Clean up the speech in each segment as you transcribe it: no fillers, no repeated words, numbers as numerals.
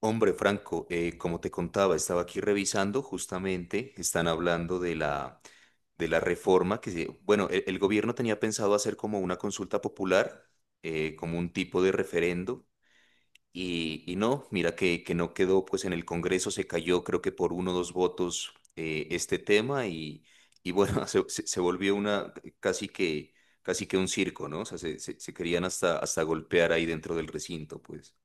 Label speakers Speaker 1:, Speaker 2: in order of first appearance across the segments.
Speaker 1: Hombre, Franco, como te contaba, estaba aquí revisando, justamente están hablando de la reforma bueno, el gobierno tenía pensado hacer como una consulta popular, como un tipo de referendo, y no, mira que no quedó, pues en el Congreso se cayó, creo que por uno o dos votos este tema, y bueno, se volvió una casi que, casi que un circo, ¿no? O sea, se querían hasta, hasta golpear ahí dentro del recinto, pues.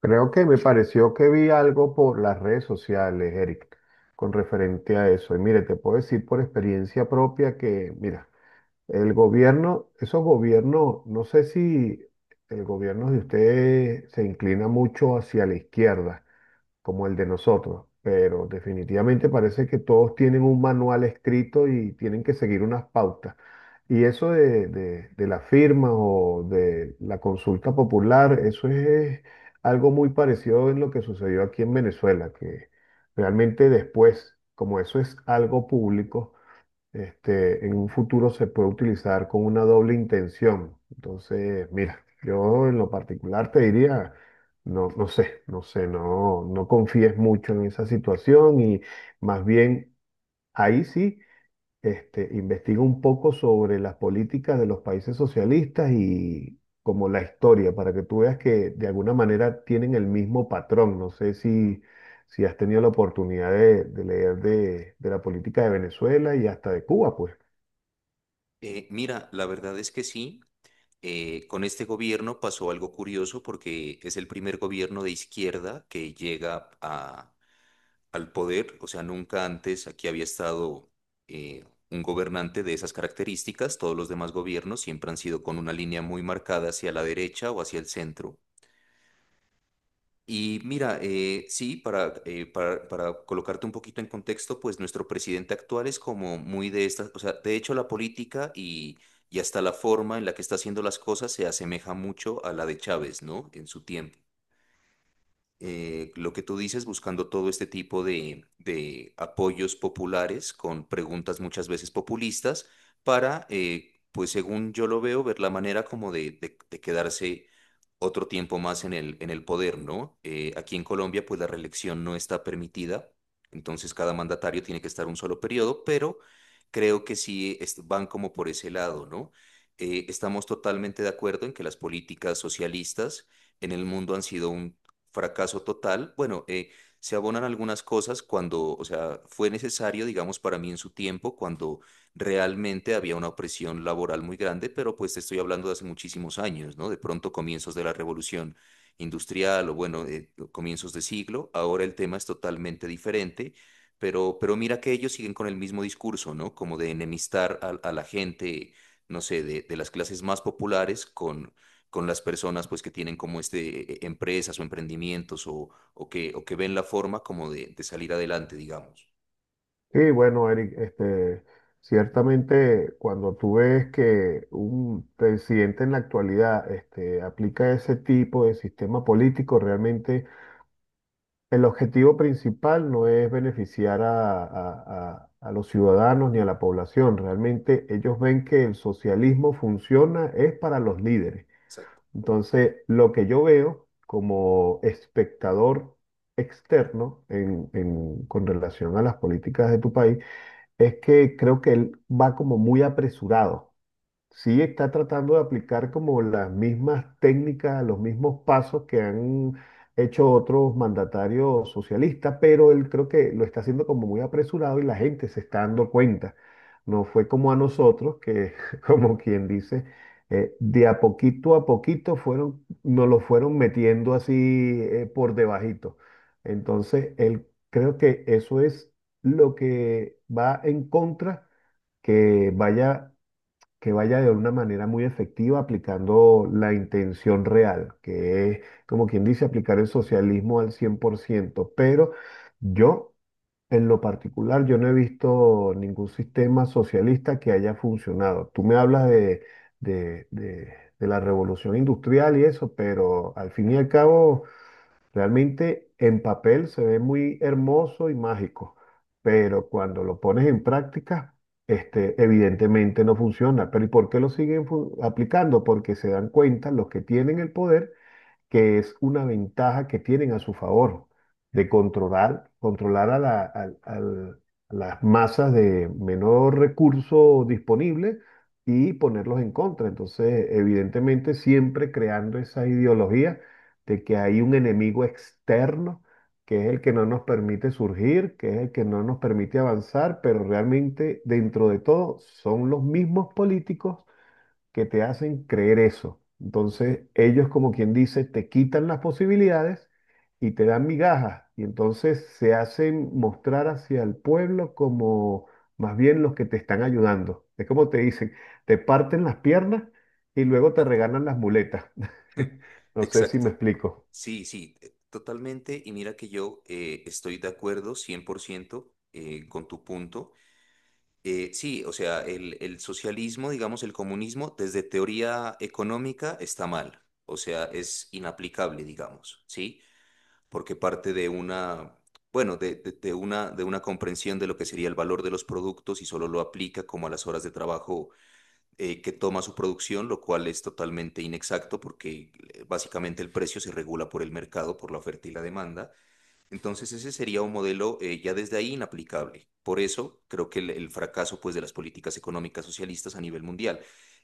Speaker 2: Creo que me pareció que vi algo por las redes sociales, Eric, con referente a eso. Y mire, te puedo decir por experiencia propia que, mira, el gobierno, esos gobiernos, no sé si el gobierno de ustedes se inclina mucho hacia la izquierda, como el de nosotros, pero definitivamente parece que todos tienen un manual escrito y tienen que seguir unas pautas. Y eso de la firma o de la consulta popular, eso es algo muy parecido en lo que sucedió aquí en Venezuela, que realmente después, como eso es algo público, este, en un futuro se puede utilizar con una doble intención. Entonces, mira, yo en lo particular te diría, no, no sé, no sé, no, no confíes mucho en esa situación y más bien ahí sí, este, investiga un poco sobre las políticas de los países socialistas y como la historia, para que tú veas que de alguna manera tienen el mismo patrón. No sé si... Si has tenido la oportunidad de leer de la política de Venezuela y hasta de Cuba, pues.
Speaker 1: Mira, la verdad es que sí. Con este gobierno pasó algo curioso porque es el primer gobierno de izquierda que al poder, o sea, nunca antes aquí había estado eh, un gobernante de esas características, todos los demás gobiernos siempre han sido con una línea muy marcada hacia la derecha o hacia el centro. Y mira, sí, para colocarte un poquito en contexto, pues nuestro presidente actual es como muy de estas, o sea, de hecho la política y hasta la forma en la que está haciendo las cosas se asemeja mucho a la de Chávez, ¿no? En su tiempo lo que tú dices, buscando todo este tipo de, apoyos populares con preguntas muchas veces populistas para, pues según yo lo veo, ver la manera como de, quedarse otro tiempo más en en el poder, ¿no? Aquí en Colombia, pues la reelección no está permitida, entonces cada mandatario tiene que estar un solo periodo, pero creo que van como por ese lado, ¿no? Estamos totalmente de acuerdo en que las políticas socialistas en el mundo han sido un fracaso total. Bueno, se abonan algunas cosas cuando, o sea, fue necesario, digamos, para mí en su tiempo, cuando realmente había una opresión laboral muy grande, pero pues te estoy hablando de hace muchísimos años, ¿no? De pronto comienzos de la revolución industrial o bueno, comienzos de siglo. Ahora el tema es totalmente diferente. Pero mira que ellos siguen con el mismo discurso, ¿no? Como de enemistar a la gente, no sé, de, las clases más populares con las personas pues que tienen como este empresas o emprendimientos o que ven la forma como de, salir adelante, digamos.
Speaker 2: Sí, bueno, Eric, este, ciertamente cuando tú ves que un presidente en la actualidad este, aplica ese tipo de sistema político, realmente el objetivo principal no es beneficiar a los ciudadanos ni a la población, realmente ellos ven que el socialismo funciona es para los líderes.
Speaker 1: Exacto,
Speaker 2: Entonces, lo que yo veo como espectador externo con relación a las políticas de tu país, es que creo que él va como muy apresurado, sí está tratando de aplicar como las mismas técnicas, los mismos pasos que han hecho otros mandatarios socialistas, pero él creo que lo está haciendo como muy apresurado y la gente se está dando cuenta. No fue como a nosotros, que como quien dice, de a poquito fueron, nos lo fueron metiendo así por debajito. Entonces, él creo que eso es lo que va en contra que vaya que vaya de una manera muy efectiva aplicando la intención real, que es, como quien dice, aplicar el socialismo al 100%. Pero yo, en lo particular, yo no he visto ningún sistema socialista que haya funcionado. Tú me hablas de, de de la revolución industrial y eso, pero al fin y al cabo... Realmente en papel se ve muy hermoso y mágico, pero cuando lo pones en práctica, este, evidentemente no funciona. Pero ¿y por qué lo siguen aplicando? Porque se dan cuenta los que tienen el poder que es una ventaja que tienen a su favor de controlar, controlar a, la- al- al- a las masas de menor recurso disponible y ponerlos en contra. Entonces, evidentemente, siempre creando esa ideología de que hay un enemigo externo que es el que no nos permite surgir, que es el que no nos permite avanzar, pero realmente dentro de todo son los mismos políticos que te hacen creer eso. Entonces, ellos, como quien dice, te quitan las posibilidades y te dan migajas. Y entonces se hacen mostrar hacia el pueblo como más bien los que te están ayudando. Es como te dicen, te parten las piernas y luego te
Speaker 1: exacto.
Speaker 2: regalan las muletas. No sé si me
Speaker 1: Exacto.
Speaker 2: explico.
Speaker 1: Sí, sí, totalmente. Y mira que yo estoy de acuerdo 100% con tu punto. Sí, o sea, el socialismo, digamos, el comunismo, desde teoría económica está mal. O sea, es inaplicable, digamos, ¿sí? Porque parte de una, bueno, de una comprensión de lo que sería el valor de los productos y solo lo aplica como a las horas de trabajo que toma su producción, lo cual es totalmente inexacto porque básicamente el precio se regula por el mercado, por la oferta y la demanda. Entonces ese sería un modelo ya desde ahí inaplicable. Por eso creo que el fracaso pues, de las políticas económicas socialistas a nivel mundial.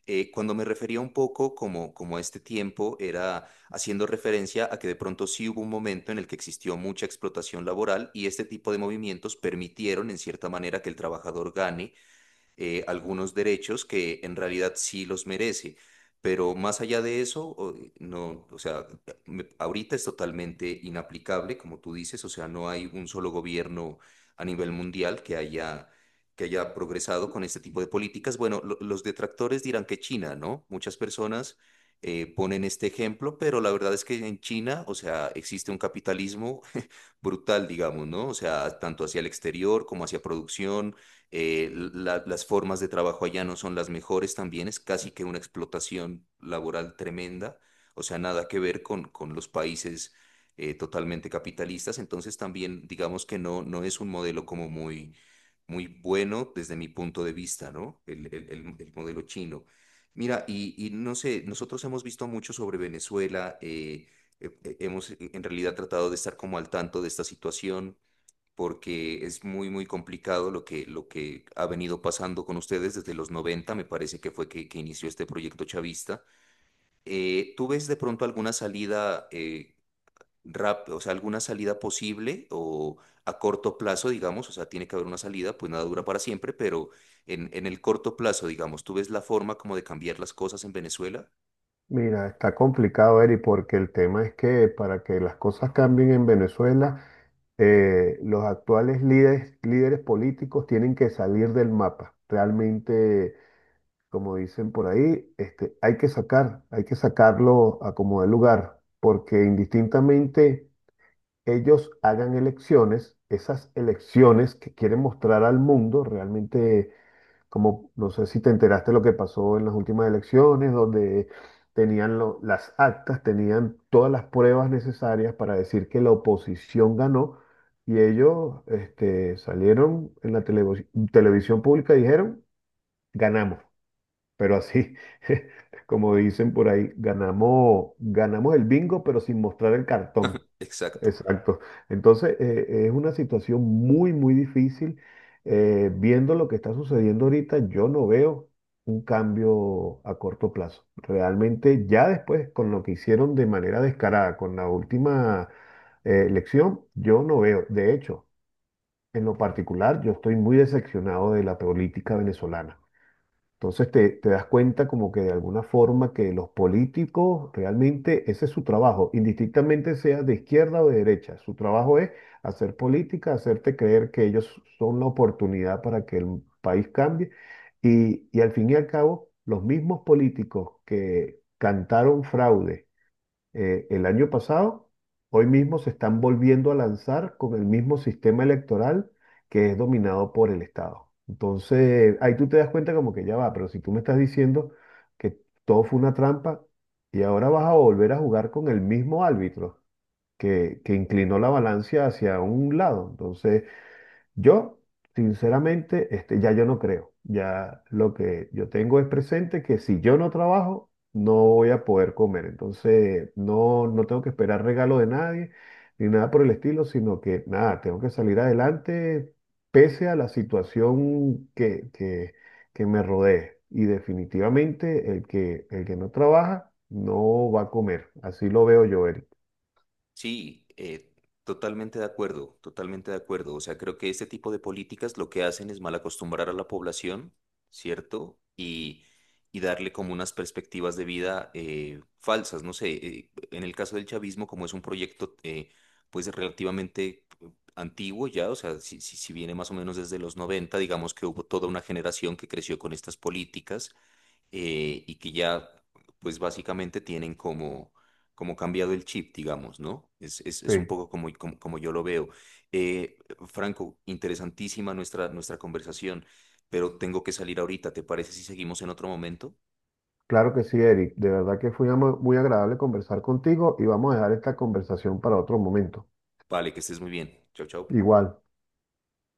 Speaker 1: Cuando me refería un poco como a este tiempo, era haciendo referencia a que de pronto sí hubo un momento en el que existió mucha explotación laboral y este tipo de movimientos permitieron en cierta manera que el trabajador gane algunos derechos que en realidad sí los merece. Pero más allá de eso, no, o sea, ahorita es totalmente inaplicable, como tú dices, o sea, no hay un solo gobierno a nivel mundial que haya, progresado con este tipo de políticas. Bueno, los detractores dirán que China, ¿no? Muchas personas ponen este ejemplo, pero la verdad es que en China, o sea, existe un capitalismo brutal, digamos, ¿no? O sea, tanto hacia el exterior como hacia producción las formas de trabajo allá no son las mejores también, es casi que una explotación laboral tremenda, o sea, nada que ver con, los países totalmente capitalistas, entonces también digamos que no es un modelo como muy, muy bueno desde mi punto de vista, ¿no? El modelo chino. Mira, y no sé, nosotros hemos visto mucho sobre Venezuela, hemos en realidad tratado de estar como al tanto de esta situación porque es muy, muy complicado lo que, ha venido pasando con ustedes desde los 90 me parece que fue que inició este proyecto chavista. ¿Tú ves de pronto alguna salida o sea, alguna salida posible o a corto plazo, digamos? O sea, tiene que haber una salida, pues nada dura para siempre, pero en, el corto plazo, digamos, ¿tú ves la forma como de cambiar las cosas en Venezuela?
Speaker 2: Mira, está complicado, Eri, porque el tema es que para que las cosas cambien en Venezuela, los actuales líderes, líderes políticos tienen que salir del mapa. Realmente, como dicen por ahí, este, hay que sacar, hay que sacarlo a como de lugar, porque indistintamente ellos hagan elecciones, esas elecciones que quieren mostrar al mundo realmente, como no sé si te enteraste lo que pasó en las últimas elecciones, donde tenían las actas, tenían todas las pruebas necesarias para decir que la oposición ganó y ellos este, salieron en la televisión pública y dijeron, ganamos, pero así, como dicen por ahí, ganamos, ganamos el bingo, pero sin mostrar el cartón.
Speaker 1: Exacto.
Speaker 2: Exacto. Entonces, es una situación muy, muy difícil. Viendo lo que está sucediendo ahorita, yo no veo un cambio a corto plazo. Realmente, ya después, con lo que hicieron de manera descarada, con la última elección, yo no veo. De hecho, en lo particular, yo estoy muy decepcionado de la política venezolana. Entonces te das cuenta como que de alguna forma que los políticos realmente ese es su trabajo, indistintamente sea de izquierda o de derecha. Su trabajo es hacer política, hacerte creer que ellos son la oportunidad para que el país cambie. Y al fin y al cabo, los mismos políticos que cantaron fraude el año pasado, hoy mismo se están volviendo a lanzar con el mismo sistema electoral que es dominado por el Estado. Entonces, ahí tú te das cuenta como que ya va, pero si tú me estás diciendo que todo fue una trampa y ahora vas a volver a jugar con el mismo árbitro que inclinó la balanza hacia un lado, entonces yo, sinceramente, este, ya yo no creo. Ya lo que yo tengo es presente que si yo no trabajo, no voy a poder comer. Entonces, no, no tengo que esperar regalo de nadie ni nada por el estilo, sino que nada, tengo que salir adelante pese a la situación que me rodee. Y definitivamente el que no trabaja no va a comer. Así lo veo yo, Eric.
Speaker 1: Sí, totalmente de acuerdo, totalmente de acuerdo. O sea, creo que este tipo de políticas lo que hacen es mal acostumbrar a la población, ¿cierto? Y darle como unas perspectivas de vida falsas. No sé, en el caso del chavismo, como es un proyecto pues relativamente antiguo ya, o sea, si viene más o menos desde los 90, digamos que hubo toda una generación que creció con estas políticas y que ya, pues básicamente tienen como cambiado el chip, digamos, ¿no?
Speaker 2: Sí.
Speaker 1: Es un poco como yo lo veo. Eh, Franco, interesantísima nuestra conversación, pero tengo que salir ahorita. ¿Te parece si seguimos en otro momento?
Speaker 2: Claro que sí, Eric. De verdad que fue muy agradable conversar contigo y vamos a dejar esta conversación para otro momento.
Speaker 1: Vale, que estés muy bien. Chao, chao.
Speaker 2: Igual.